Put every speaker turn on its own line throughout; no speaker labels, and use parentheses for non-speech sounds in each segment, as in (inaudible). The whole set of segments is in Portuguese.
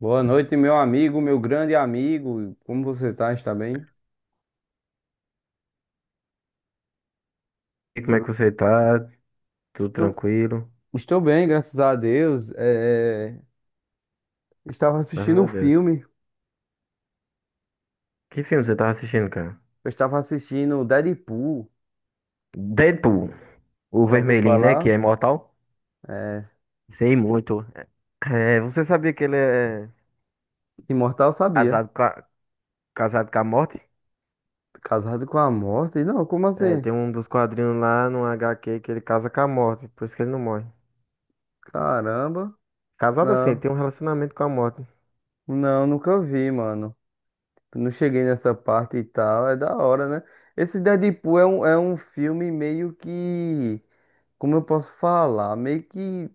Boa noite, meu amigo, meu grande amigo. Como você tá? Está bem?
E como é
Eu
que você tá? Tudo
Estou,
tranquilo?
estou bem, graças a Deus. Estava
Graças
assistindo um
a Deus.
filme.
Que filme você tava assistindo, cara?
Eu estava assistindo Deadpool.
Deadpool, o
Já ouviu
vermelhinho, né? Que é
falar?
imortal.
É...
Sei muito. É, você sabia que ele é
Imortal sabia.
casado com a, casado com a morte?
Casado com a morte? Não, como
É,
assim?
tem um dos quadrinhos lá no HQ que ele casa com a morte, por isso que ele não morre.
Caramba.
Casado assim, ele
Não,
tem um relacionamento com a morte.
não, nunca vi, mano. Não cheguei nessa parte e tal. É da hora, né? Esse Deadpool é um filme meio que. Como eu posso falar? Meio que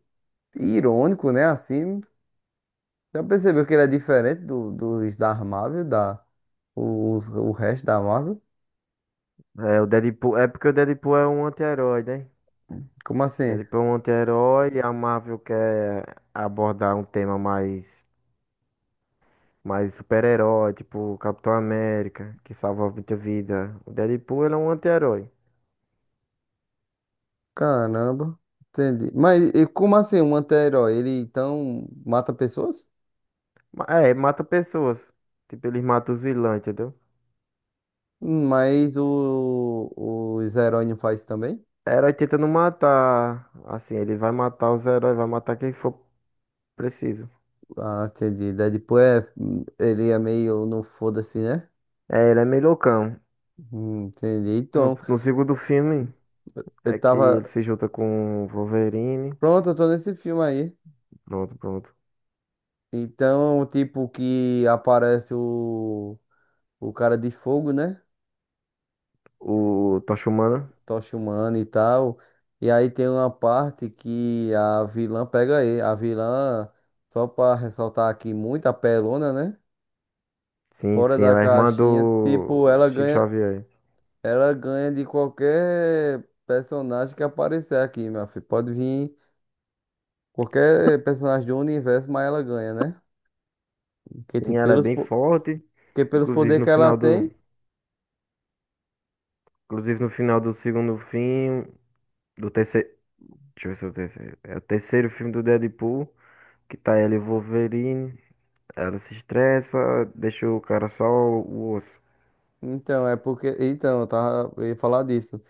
irônico, né? Assim, já percebeu que ele é diferente dos da Marvel, o resto da Marvel?
É, o Deadpool, é porque o Deadpool é um anti-herói, né?
Como assim?
Deadpool é um anti-herói e a Marvel quer abordar um tema mais. Mas super-herói, tipo Capitão América, que salva muita vida. O Deadpool, ele é um anti-herói.
Caramba, entendi. Mas e como assim, um anti-herói, ele então mata pessoas?
É, mata pessoas. Tipo, ele mata os vilões, entendeu?
Mas os heróis não faz também?
Herói tenta não matar. Assim, ele vai matar os heróis, vai matar quem for preciso.
Ah, entendi. Ele é meio no foda-se, né?
É, ele é meio loucão.
Entendi.
No,
Então,
no segundo filme,
eu
é que
tava.
ele se junta com o Wolverine.
Pronto, eu tô nesse filme aí.
Pronto, pronto.
Então, tipo, que aparece o cara de fogo, né?
O Tocha Humana.
Tocha humana e tal. E aí tem uma parte que a vilã pega ele. A vilã, só pra ressaltar aqui, muito apelona, né?
Sim,
Fora
sim, é
da
a irmã
caixinha,
do
tipo,
Chico Xavier.
ela ganha de qualquer personagem que aparecer aqui, meu filho. Pode vir qualquer personagem do universo, mas ela ganha, né? Porque,
Sim,
tipo,
ela é
pelos,
bem forte.
Porque pelos
Inclusive,
poderes
no
que ela
final do,
tem.
Inclusive no final do segundo filme, do terceiro, deixa eu ver se é o terceiro, é o terceiro filme do Deadpool, que tá ela e o Wolverine, ela se estressa, deixa o cara só o osso.
Então, é porque, então, eu tava. Eu ia falar disso.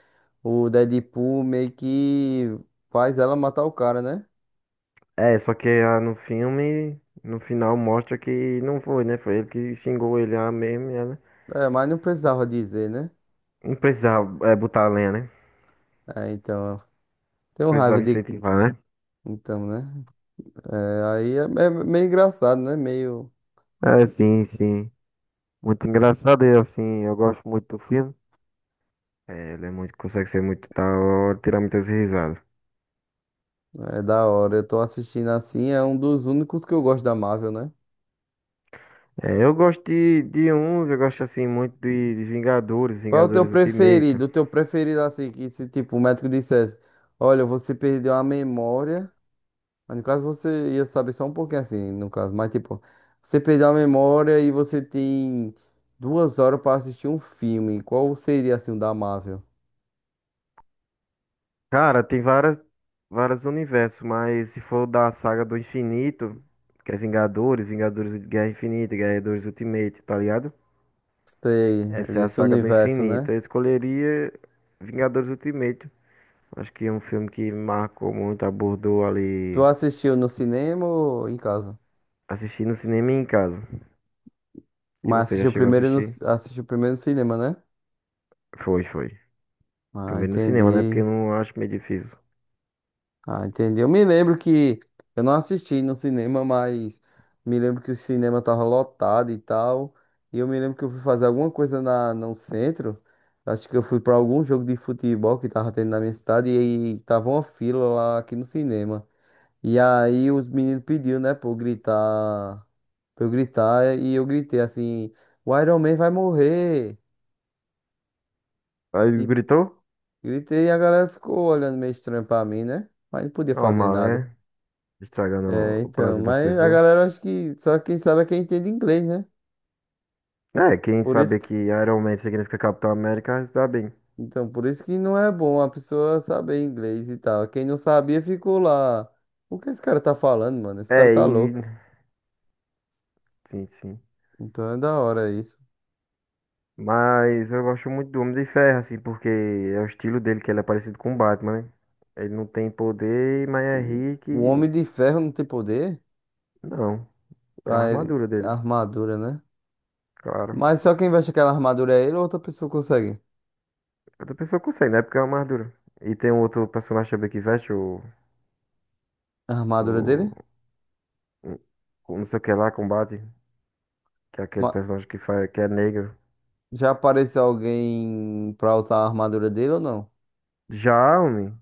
O Deadpool meio que faz ela matar o cara, né?
É, só que no filme, no final mostra que não foi, né? Foi ele que xingou ele lá mesmo e ela
É, mas não precisava dizer, né?
não precisava é, botar a lenha, né?
É, então. Tenho raiva
Precisava
de.
incentivar, né?
Então, né? É, aí é meio engraçado, né? Meio.
É, sim, sim. Muito engraçado e assim, eu gosto muito do filme. É, ele é muito, consegue ser muito tal, tirar muitas risadas.
É da hora. Eu tô assistindo assim, é um dos únicos que eu gosto da Marvel, né?
É, eu gosto de uns, eu gosto assim muito de Vingadores,
Qual é o teu
Vingadores Ultimate.
preferido? Assim, que se tipo o médico dissesse, olha, você perdeu a memória, mas no caso você ia saber só um pouquinho assim, no caso, mas tipo, você perdeu a memória e você tem 2 horas para assistir um filme. Qual seria assim o da Marvel?
Cara, tem várias, vários universos, mas se for da saga do infinito, que é Vingadores, Vingadores de Guerra Infinita, Vingadores Ultimate, tá ligado?
Sei,
Essa é a
desse
saga do
universo, né?
infinito. Eu escolheria Vingadores Ultimate. Acho que é um filme que marcou muito, abordou
Tu
ali,
assistiu no cinema ou em casa?
assisti no cinema e em casa. E
Mas
você já
assistiu
chegou a
primeiro no,
assistir?
assistiu primeiro no cinema, né?
Foi, foi.
Ah,
Primeiro no cinema, né? Porque
entendi.
eu não acho meio difícil.
Ah, entendi. Eu me lembro que eu não assisti no cinema, mas me lembro que o cinema tava lotado e tal. E eu me lembro que eu fui fazer alguma coisa no centro. Acho que eu fui pra algum jogo de futebol que tava tendo na minha cidade e aí tava uma fila lá aqui no cinema. E aí os meninos pediu, né, pra eu gritar e eu gritei assim, o Iron Man vai morrer.
Aí
E
gritou?
gritei e a galera ficou olhando meio estranho pra mim, né? Mas não podia fazer
Normal,
nada.
né? Estragando
É,
o
então,
prazer das
mas a
pessoas.
galera acho que só quem sabe é quem entende inglês, né?
É, quem
Por isso
sabe
que,
que Iron Man significa Capitão América, está bem.
então, por isso que não é bom a pessoa saber inglês e tal. Quem não sabia ficou lá. O que esse cara tá falando, mano? Esse cara
É,
tá
e...
louco.
Sim, sim.
Então é da hora isso.
Mas eu gosto muito do Homem de Ferro, assim, porque é o estilo dele, que ele é parecido com o Batman, né? Ele não tem poder, mas é
O
rico
o Homem
e...
de Ferro não tem poder?
Não, é a
Ah,
armadura
a
dele,
armadura, né?
claro.
Mas só quem veste aquela armadura é ele ou outra pessoa consegue?
É, outra pessoa consegue, né? Porque é uma armadura. E tem um outro personagem também que veste
A armadura
o...
dele?
o- o Não sei o que lá, combate. Que é aquele
Ma-
personagem que, faz... que é negro.
Já apareceu alguém pra usar a armadura dele ou não?
Já, homem.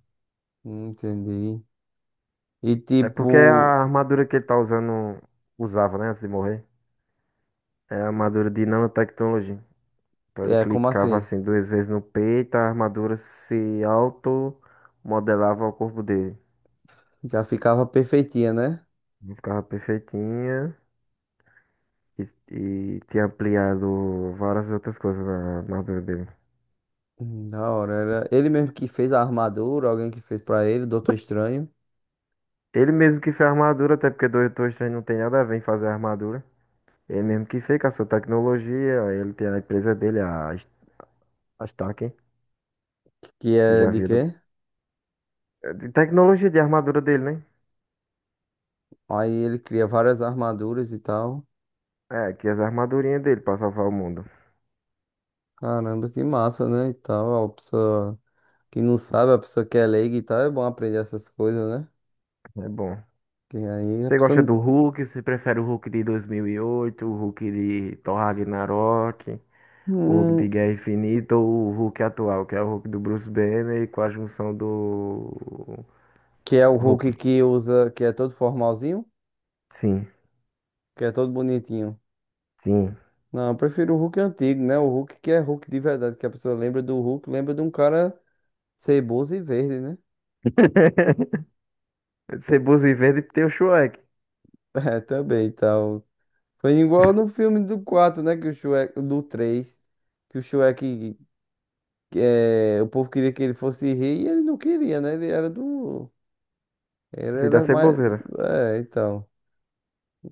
Não entendi. E
É porque é
tipo.
a armadura que ele tá usando, usava, né, antes de morrer, é a armadura de nanotecnologia. Então ele
É, como
clicava
assim?
assim duas vezes no peito, a armadura se auto-modelava ao corpo dele.
Já ficava perfeitinha, né?
Não, ficava perfeitinha e, e tinha ampliado várias outras coisas na armadura dele.
Da hora. Era ele mesmo que fez a armadura, alguém que fez pra ele, Doutor Estranho?
Ele mesmo que fez a armadura, até porque 223 não tem nada a ver em fazer a armadura. Ele mesmo que fez com a sua tecnologia, ele tem a empresa dele, a Stark,
Que
que
é
já
de
viu do,
quê?
de tecnologia de armadura dele, né?
Aí ele cria várias armaduras e tal.
É, que as armadurinhas dele pra salvar o mundo.
Caramba, que massa, né? E tal. A pessoa que não sabe, a pessoa que é leiga e tal, é bom aprender essas coisas, né?
É bom.
Que aí a
Você
pessoa
gosta
não.
do Hulk? Você prefere o Hulk de 2008, o Hulk de Thor Ragnarok, o Hulk
Hum,
de Guerra Infinita ou o Hulk atual, que é o Hulk do Bruce Banner com a junção do
que é o
Hulk?
Hulk que usa, que é todo formalzinho,
Sim,
que é todo bonitinho.
sim.
Não, eu prefiro o Hulk antigo, né? O Hulk que é Hulk de verdade, que a pessoa lembra do Hulk, lembra de um cara. Ceboso e verde, né? (laughs)
(laughs) Ceboso e verde tem o Shrek.
É, também, tal. Foi igual no filme do 4, né? Que o Shrek, é, o povo queria que ele fosse rei e ele não queria, né? Ele era do... Ele
Filho da
era mais...
ceboseira.
É, então.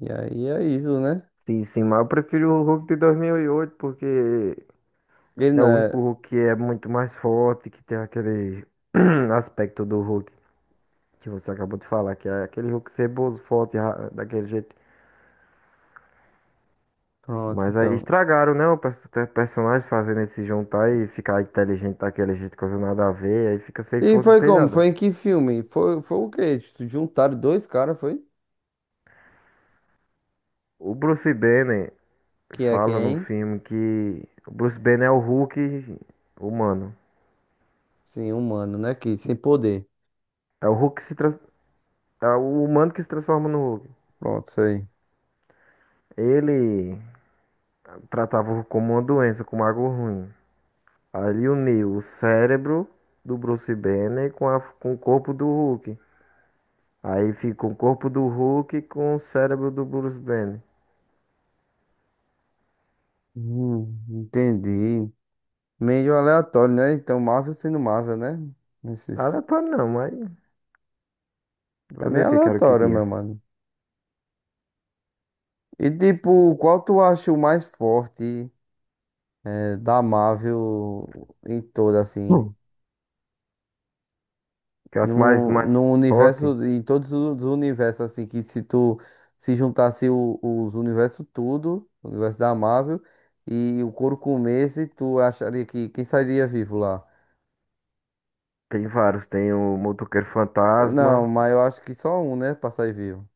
E aí é isso, né?
Sim, sim, mas eu prefiro o Hulk de 2008 porque
Ele
é
não
o único
é.
Hulk que é muito mais forte, que tem aquele (clears throat) aspecto do Hulk que você acabou de falar, que é aquele Hulk ceboso, forte, daquele jeito.
Pronto,
Mas aí
então.
estragaram, né? O perso- ter personagem fazendo ele se juntar e ficar inteligente daquele jeito, coisa nada a ver, aí fica sem
E
força,
foi
sem
como?
nada.
Foi em que filme? Foi o quê? Juntaram dois caras, foi?
O Bruce Banner
Que é
fala no
quem?
filme que o Bruce Banner é o Hulk humano.
Sim, humano, né? Que sem poder.
É o Hulk que se trans... é o humano que se transforma no Hulk.
Pronto, isso aí.
Ele tratava o Hulk como uma doença, como algo ruim. Ali uniu o cérebro do Bruce Banner com, a... com o corpo do Hulk. Aí fica o corpo do Hulk com o cérebro do Bruce Banner.
Entendi. Meio aleatório, né? Então, Marvel sendo Marvel, né? Esses...
Aleatório não, mas
É
fazer
meio
o que? Quero que
aleatório, meu
tinha.
mano. E tipo, qual tu acha o mais forte da Marvel em todo, assim?
Hum. Que é os mais,
No,
mais
no
forte.
universo, em todos os universos, assim, que se tu se juntasse os universos tudo, o universo da Marvel, e o couro comesse, tu acharia que quem sairia vivo lá?
Tem vários. Tem o Motoqueiro
Não,
Fantasma.
mas eu acho que só um, né, pra sair vivo.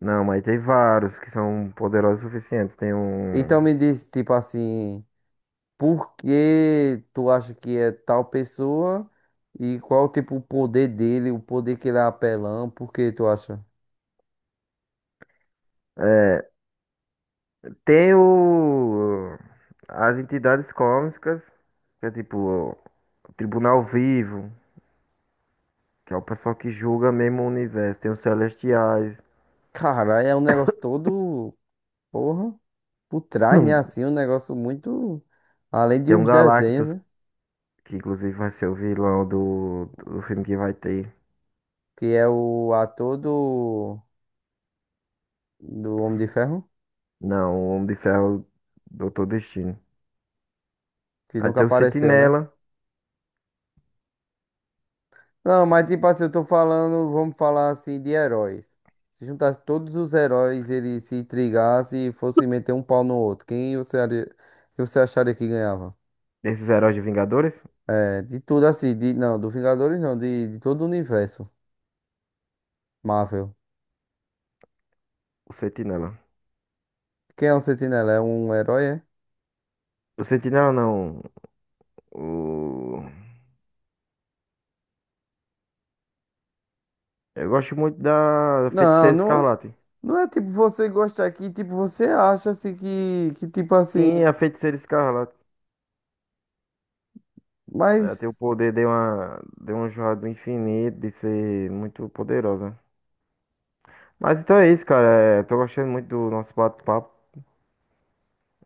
Não, mas tem vários que são poderosos o suficientes. Tem um.
Então me diz, tipo assim, por que tu acha que é tal pessoa e qual tipo o poder dele, o poder que ele é apelão, por que tu acha?
Tem o. As entidades cósmicas. Que é tipo. O Tribunal Vivo. Que é o pessoal que julga mesmo o universo. Tem os Celestiais.
Cara, é um negócio todo, porra, por trás, né?
Hum.
Assim, um negócio muito além de
Tem um
uns desenhos,
Galactus
né?
que inclusive vai ser o vilão do filme que vai ter.
Que é o ator do Homem de Ferro,
Não, o Homem de Ferro, Doutor Destino.
que
Aí
nunca
tem o
apareceu, né?
Sentinela,
Não, mas tipo assim, eu tô falando, vamos falar assim de heróis. Se juntasse todos os heróis, eles se intrigassem e fossem meter um pau no outro, quem você, que você acharia que ganhava?
desses heróis de Vingadores.
É, de tudo assim, de, não, do Vingadores não, de todo o universo Marvel.
O Sentinela.
Quem é um Sentinela? É um herói, é?
O Sentinela não. O... Eu gosto muito da
Não,
Feiticeira
não,
Escarlate.
não é tipo você gostar aqui, tipo você acha assim que tipo
Sim,
assim,
a Feiticeira Escarlate. Ela tem o
mas
poder de uma joia do infinito, de ser muito poderosa. Mas então é isso, cara. É, tô gostando muito do nosso bate-papo.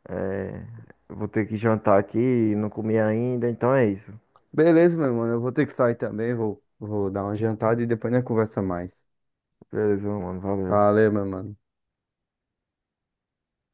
É, eu vou ter que jantar aqui, não comi ainda, então é isso.
beleza, meu mano, eu vou ter que sair também, vou dar uma jantada e depois nós conversa mais.
Beleza, mano. Valeu.
Valeu, meu mano.